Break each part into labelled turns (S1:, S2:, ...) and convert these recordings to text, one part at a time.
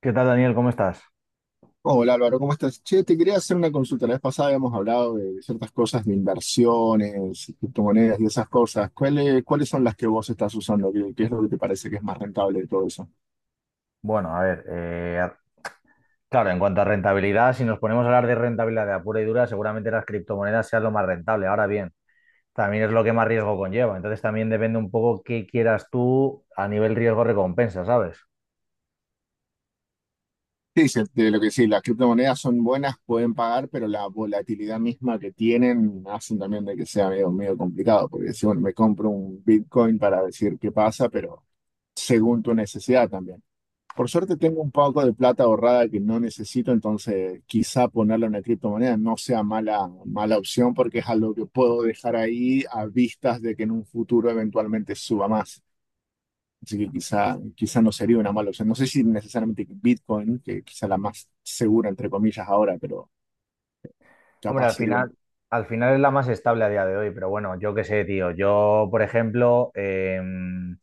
S1: ¿Qué tal, Daniel? ¿Cómo estás?
S2: Hola Álvaro, ¿cómo estás? Che, te quería hacer una consulta. La vez pasada habíamos hablado de ciertas cosas de inversiones, criptomonedas y esas cosas. ¿Cuáles son las que vos estás usando? ¿Qué es lo que te parece que es más rentable de todo eso?
S1: Bueno, a ver, claro, en cuanto a rentabilidad, si nos ponemos a hablar de rentabilidad de a pura y dura, seguramente las criptomonedas sean lo más rentable. Ahora bien, también es lo que más riesgo conlleva. Entonces también depende un poco qué quieras tú a nivel riesgo-recompensa, ¿sabes?
S2: Sí, sí, de lo que sí, las criptomonedas son buenas, pueden pagar, pero la volatilidad misma que tienen hacen también de que sea medio, medio complicado, porque si bueno, me compro un Bitcoin para decir qué pasa, pero según tu necesidad también. Por suerte tengo un poco de plata ahorrada que no necesito, entonces quizá ponerla en una criptomoneda no sea mala, mala opción porque es algo que puedo dejar ahí a vistas de que en un futuro eventualmente suba más. Así que quizá no sería una mala opción. No sé si necesariamente Bitcoin, que quizá la más segura entre comillas ahora, pero
S1: Hombre,
S2: capaz sería una.
S1: al final es la más estable a día de hoy, pero bueno, yo qué sé, tío. Yo, por ejemplo,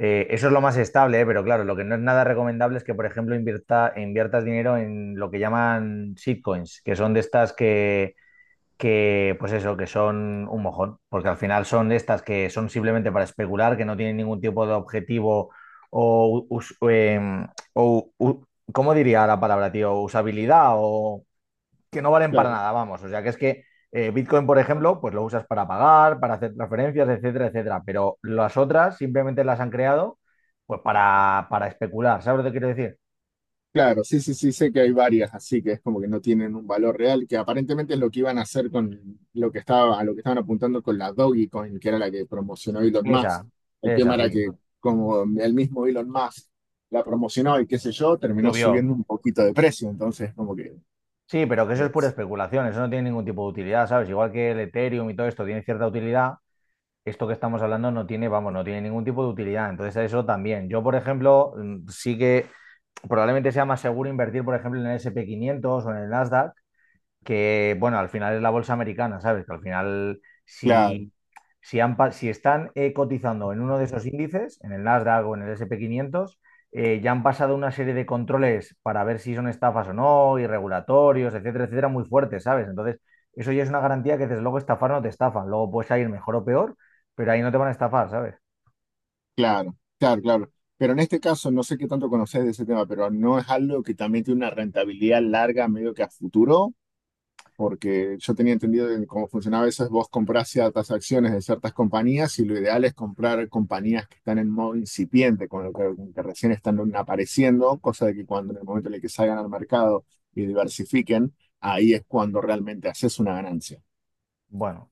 S1: Eso es lo más estable, ¿eh? Pero claro, lo que no es nada recomendable es que, por ejemplo, inviertas dinero en lo que llaman shitcoins, que son de estas que, pues eso, que son un mojón, porque al final son de estas que son simplemente para especular, que no tienen ningún tipo de objetivo o, us- em, o u- ¿cómo diría la palabra, tío? Usabilidad o que no valen para nada, vamos. O sea, que es que Bitcoin, por ejemplo, pues lo usas para pagar, para hacer transferencias, etcétera, etcétera. Pero las otras simplemente las han creado pues para especular. ¿Sabes lo que quiero decir?
S2: Claro, sí, sí, sí, sé que hay varias, así que es como que no tienen un valor real, que aparentemente es lo que iban a hacer con lo que estaba, a lo que estaban apuntando con la Dogecoin, que era la que promocionó Elon Musk.
S1: Esa,
S2: El tema
S1: esa,
S2: era
S1: sí.
S2: que como el mismo Elon Musk la promocionó y qué sé yo, terminó
S1: Subió.
S2: subiendo un poquito de precio, entonces como que
S1: Sí, pero que eso es pura
S2: es,
S1: especulación, eso no tiene ningún tipo de utilidad, ¿sabes? Igual que el Ethereum y todo esto tiene cierta utilidad, esto que estamos hablando no tiene, vamos, no tiene ningún tipo de utilidad. Entonces, eso también. Yo, por ejemplo, sí que probablemente sea más seguro invertir, por ejemplo, en el S&P 500 o en el Nasdaq que, bueno, al final es la bolsa americana, ¿sabes? Que al final,
S2: claro,
S1: si están cotizando en uno de esos índices, en el Nasdaq o en el S&P 500, ya han pasado una serie de controles para ver si son estafas o no, y regulatorios, etcétera, etcétera, muy fuertes, ¿sabes? Entonces, eso ya es una garantía que desde luego estafar no te estafan. Luego puedes salir mejor o peor, pero ahí no te van a estafar, ¿sabes?
S2: claro, claro, claro. Pero en este caso, no sé qué tanto conocés de ese tema, pero no es algo que también tiene una rentabilidad larga, medio que a futuro. Porque yo tenía entendido de cómo funcionaba eso, es vos comprás ciertas acciones de ciertas compañías y lo ideal es comprar compañías que están en modo incipiente, con lo que recién están apareciendo, cosa de que cuando en el momento en el que salgan al mercado y diversifiquen, ahí es cuando realmente haces una ganancia.
S1: Bueno.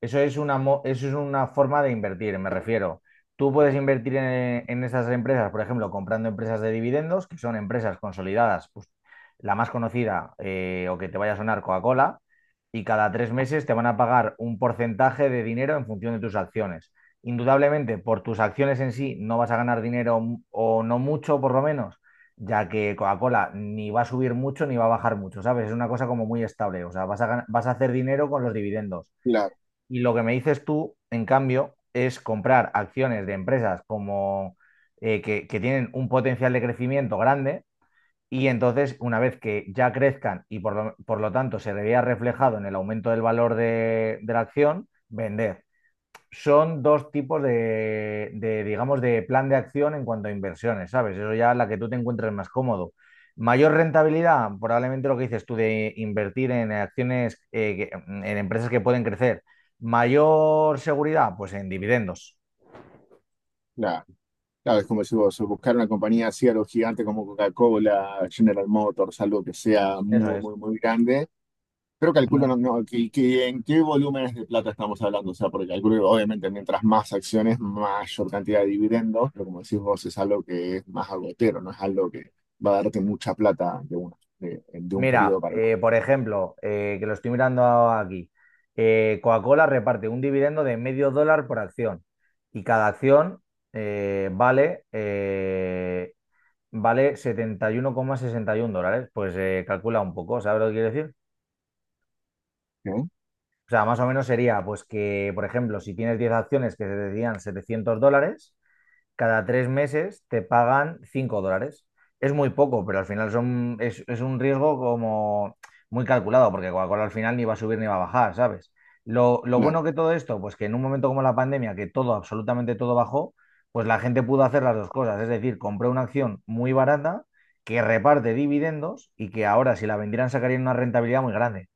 S1: Eso es una forma de invertir, me refiero. Tú puedes invertir en esas empresas, por ejemplo, comprando empresas de dividendos, que son empresas consolidadas, pues, la más conocida o que te vaya a sonar Coca-Cola, y cada 3 meses te van a pagar un porcentaje de dinero en función de tus acciones. Indudablemente, por tus acciones en sí no vas a ganar dinero o no mucho, por lo menos, ya que Coca-Cola ni va a subir mucho ni va a bajar mucho, ¿sabes? Es una cosa como muy estable, o sea, vas a hacer dinero con los dividendos
S2: Claro,
S1: y lo que me dices tú, en cambio, es comprar acciones de empresas como que tienen un potencial de crecimiento grande y entonces, una vez que ya crezcan y por lo tanto se le vea reflejado en el aumento del valor de la acción, vender son dos tipos de, digamos, de plan de acción en cuanto a inversiones, ¿sabes? Eso ya es la que tú te encuentres más cómodo. Mayor rentabilidad, probablemente lo que dices tú de invertir en acciones, en empresas que pueden crecer. Mayor seguridad, pues en dividendos.
S2: claro, claro, es como si vos, buscar una compañía así, algo gigante como Coca-Cola, General Motors, algo que sea
S1: Eso
S2: muy,
S1: es.
S2: muy, muy grande. Pero
S1: Mm.
S2: calculo no, no, que en qué volúmenes de plata estamos hablando. O sea, porque calculo que obviamente mientras más acciones, mayor cantidad de dividendos, pero como decís vos, es algo que es más agotero, no es algo que va a darte mucha plata de un
S1: Mira,
S2: periodo para el otro.
S1: por ejemplo, que lo estoy mirando aquí, Coca-Cola reparte un dividendo de medio dólar por acción y cada acción eh, vale eh, vale setenta y uno coma sesenta y uno dólares. Pues calcula un poco, ¿sabes lo que quiero decir? O sea, más o menos sería, pues que, por ejemplo, si tienes 10 acciones que te decían $700, cada 3 meses te pagan $5. Es muy poco, pero al final es un riesgo como muy calculado, porque Coca-Cola al final ni va a subir ni va a bajar, ¿sabes? Lo bueno
S2: ¿No?
S1: que todo esto, pues que en un momento como la pandemia, que todo, absolutamente todo bajó, pues la gente pudo hacer las dos cosas. Es decir, compré una acción muy barata que reparte dividendos y que ahora si la vendieran sacarían una rentabilidad muy grande.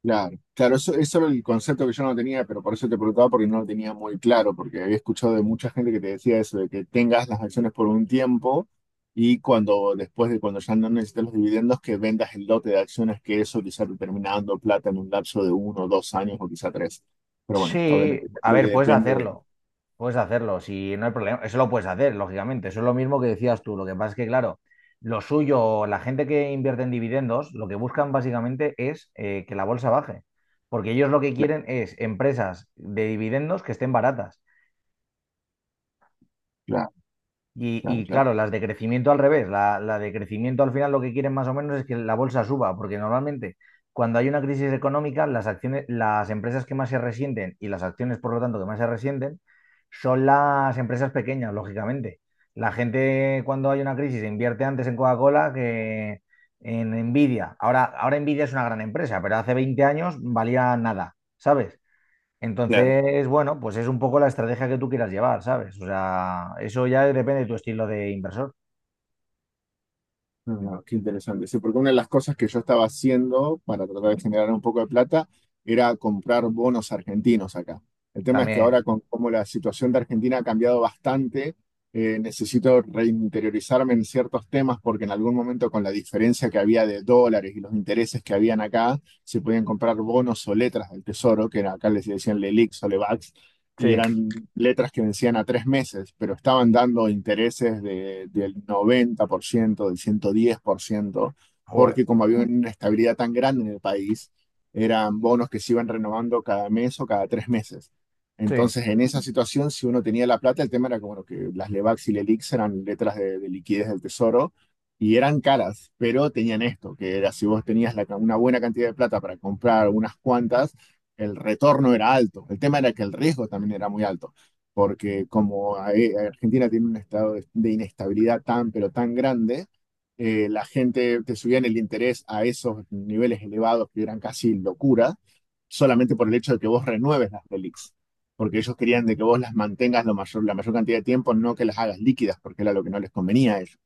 S2: Claro, claro, eso era el concepto que yo no tenía, pero por eso te preguntaba porque no lo tenía muy claro, porque había escuchado de mucha gente que te decía eso, de que tengas las acciones por un tiempo y cuando después de cuando ya no necesites los dividendos, que vendas el lote de acciones, que eso quizá te termina dando plata en un lapso de uno, dos años o quizá tres. Pero bueno,
S1: Sí,
S2: obviamente
S1: a
S2: creo que
S1: ver, puedes
S2: depende de...
S1: hacerlo. Puedes hacerlo, si no hay problema, eso lo puedes hacer, lógicamente. Eso es lo mismo que decías tú. Lo que pasa es que, claro, lo suyo, la gente que invierte en dividendos, lo que buscan básicamente es que la bolsa baje. Porque ellos lo que
S2: Claro,
S1: quieren es empresas de dividendos que estén baratas.
S2: claro,
S1: Y,
S2: claro,
S1: y
S2: claro.
S1: claro, las de crecimiento al revés, la de crecimiento al final lo que quieren más o menos es que la bolsa suba, porque normalmente cuando hay una crisis económica, las acciones, las empresas que más se resienten y las acciones, por lo tanto, que más se resienten, son las empresas pequeñas, lógicamente. La gente cuando hay una crisis invierte antes en Coca-Cola que en Nvidia. Ahora, ahora Nvidia es una gran empresa, pero hace 20 años valía nada, ¿sabes?
S2: Claro.
S1: Entonces, bueno, pues es un poco la estrategia que tú quieras llevar, ¿sabes? O sea, eso ya depende de tu estilo de inversor.
S2: Ah, qué interesante. Sí, porque una de las cosas que yo estaba haciendo para tratar de generar un poco de plata era comprar bonos argentinos acá. El tema es que
S1: También,
S2: ahora con cómo la situación de Argentina ha cambiado bastante, necesito reinteriorizarme en ciertos temas porque en algún momento con la diferencia que había de dólares y los intereses que habían acá, se podían comprar bonos o letras del tesoro, acá les decían lelix o LEVAX, y
S1: sí,
S2: eran letras que vencían a 3 meses, pero estaban dando intereses del 90%, del 110%,
S1: joder,
S2: porque como había una estabilidad tan grande en el país, eran bonos que se iban renovando cada mes o cada 3 meses.
S1: sí.
S2: Entonces, en esa situación, si uno tenía la plata, el tema era que, bueno, que las Levax y Lelix eran letras de liquidez del tesoro y eran caras, pero tenían esto, que era si vos tenías una buena cantidad de plata para comprar unas cuantas, el retorno era alto. El tema era que el riesgo también era muy alto, porque Argentina tiene un estado de inestabilidad tan, pero tan grande, la gente te subían el interés a esos niveles elevados que eran casi locura, solamente por el hecho de que vos renueves las relics. Porque ellos querían de que vos las mantengas lo mayor, la mayor cantidad de tiempo, no que las hagas líquidas, porque era lo que no les convenía a ellos.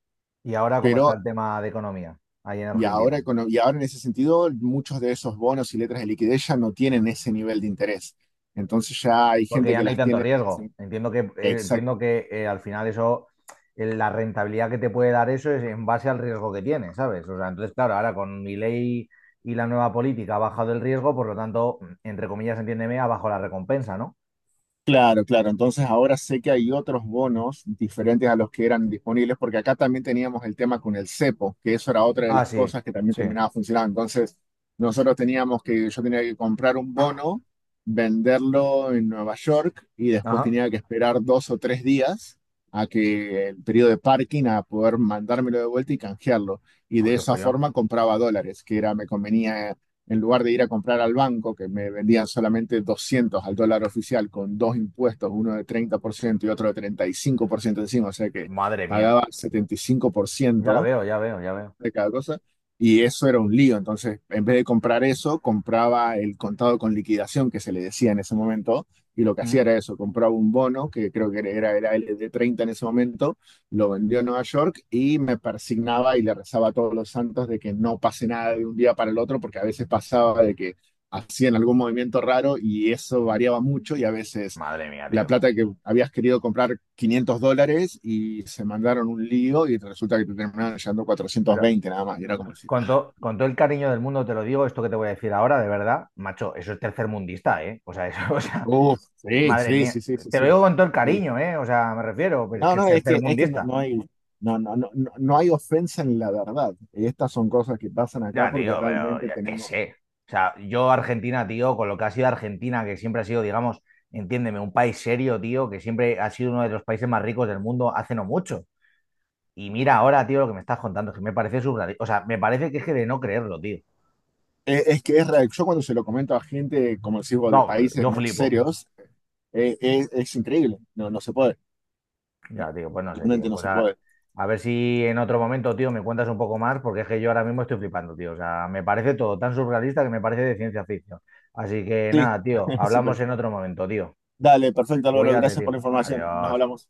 S1: ¿Y ahora cómo
S2: Pero
S1: está el tema de economía ahí en
S2: y ahora,
S1: Argentina?
S2: y ahora en ese sentido, muchos de esos bonos y letras de liquidez ya no tienen ese nivel de interés. Entonces ya hay
S1: Porque
S2: gente
S1: ya
S2: que
S1: no hay
S2: las
S1: tanto
S2: tiene.
S1: riesgo. Entiendo que al final eso, la rentabilidad que te puede dar eso es en base al riesgo que tienes, ¿sabes? O sea, entonces, claro, ahora con mi ley y la nueva política ha bajado el riesgo, por lo tanto, entre comillas, entiéndeme, ha bajado la recompensa, ¿no?
S2: Claro, claro. Entonces ahora sé que hay otros bonos diferentes a los que eran disponibles, porque acá también teníamos el tema con el cepo, que eso era otra de
S1: Ah,
S2: las
S1: sí,
S2: cosas que también
S1: sí.
S2: terminaba funcionando. Entonces nosotros teníamos que, yo tenía que comprar un bono, venderlo en Nueva York y después
S1: Ajá.
S2: tenía que esperar 2 o 3 días a que el periodo de parking a poder mandármelo de vuelta y canjearlo. Y
S1: Joder,
S2: de
S1: qué
S2: esa
S1: follón.
S2: forma compraba dólares, que era, me convenía en lugar de ir a comprar al banco, que me vendían solamente 200 al dólar oficial con dos impuestos, uno de 30% y otro de 35% encima, o sea que
S1: Madre mía.
S2: pagaba setenta y cinco por
S1: Ya
S2: ciento
S1: veo, ya veo, ya veo.
S2: de cada cosa. Y eso era un lío. Entonces, en vez de comprar eso, compraba el contado con liquidación que se le decía en ese momento. Y lo que hacía
S1: Mm.
S2: era eso, compraba un bono, que creo que era el de 30 en ese momento, lo vendió a Nueva York y me persignaba y le rezaba a todos los santos de que no pase nada de un día para el otro, porque a veces pasaba de que hacían algún movimiento raro y eso variaba mucho y a veces
S1: Madre mía,
S2: la
S1: tío.
S2: plata que habías querido comprar $500 y se mandaron un lío y resulta que te terminaron llevando
S1: O sea,
S2: 420 nada más. Y era como decir,
S1: con todo el cariño del mundo te lo digo, esto que te voy a decir ahora, de verdad, macho, eso es tercermundista, ¿eh? O sea, eso, o sea,
S2: uff, sí,
S1: madre
S2: sí,
S1: mía.
S2: sí, sí, sí,
S1: Te lo
S2: sí.
S1: digo con todo el
S2: Sí.
S1: cariño, ¿eh? O sea, me refiero, pero es
S2: No,
S1: que es
S2: no, es que no,
S1: tercermundista.
S2: no hay, no hay ofensa en la verdad. Estas son cosas que pasan acá
S1: Ya,
S2: porque
S1: tío, pero
S2: realmente
S1: ya qué
S2: tenemos.
S1: sé. O sea, yo Argentina, tío, con lo que ha sido Argentina, que siempre ha sido, digamos, entiéndeme, un país serio, tío, que siempre ha sido uno de los países más ricos del mundo hace no mucho. Y mira ahora, tío, lo que me estás contando, que me parece surrealista. O sea, me parece que es que de no creerlo, tío.
S2: Es que es real. Yo cuando se lo comento a gente, como decimos,
S1: No,
S2: de países
S1: yo
S2: más
S1: flipo.
S2: serios, es increíble. No, no se puede. No,
S1: Ya, tío, pues no sé, tío.
S2: realmente no se puede.
S1: A ver si en otro momento, tío, me cuentas un poco más, porque es que yo ahora mismo estoy flipando, tío. O sea, me parece todo tan surrealista que me parece de ciencia ficción. Así que
S2: Sí,
S1: nada, tío,
S2: sí,
S1: hablamos
S2: pues.
S1: en otro momento, tío.
S2: Dale, perfecto, Álvaro.
S1: Cuídate,
S2: Gracias por
S1: tío.
S2: la información. Nos
S1: Adiós.
S2: hablamos.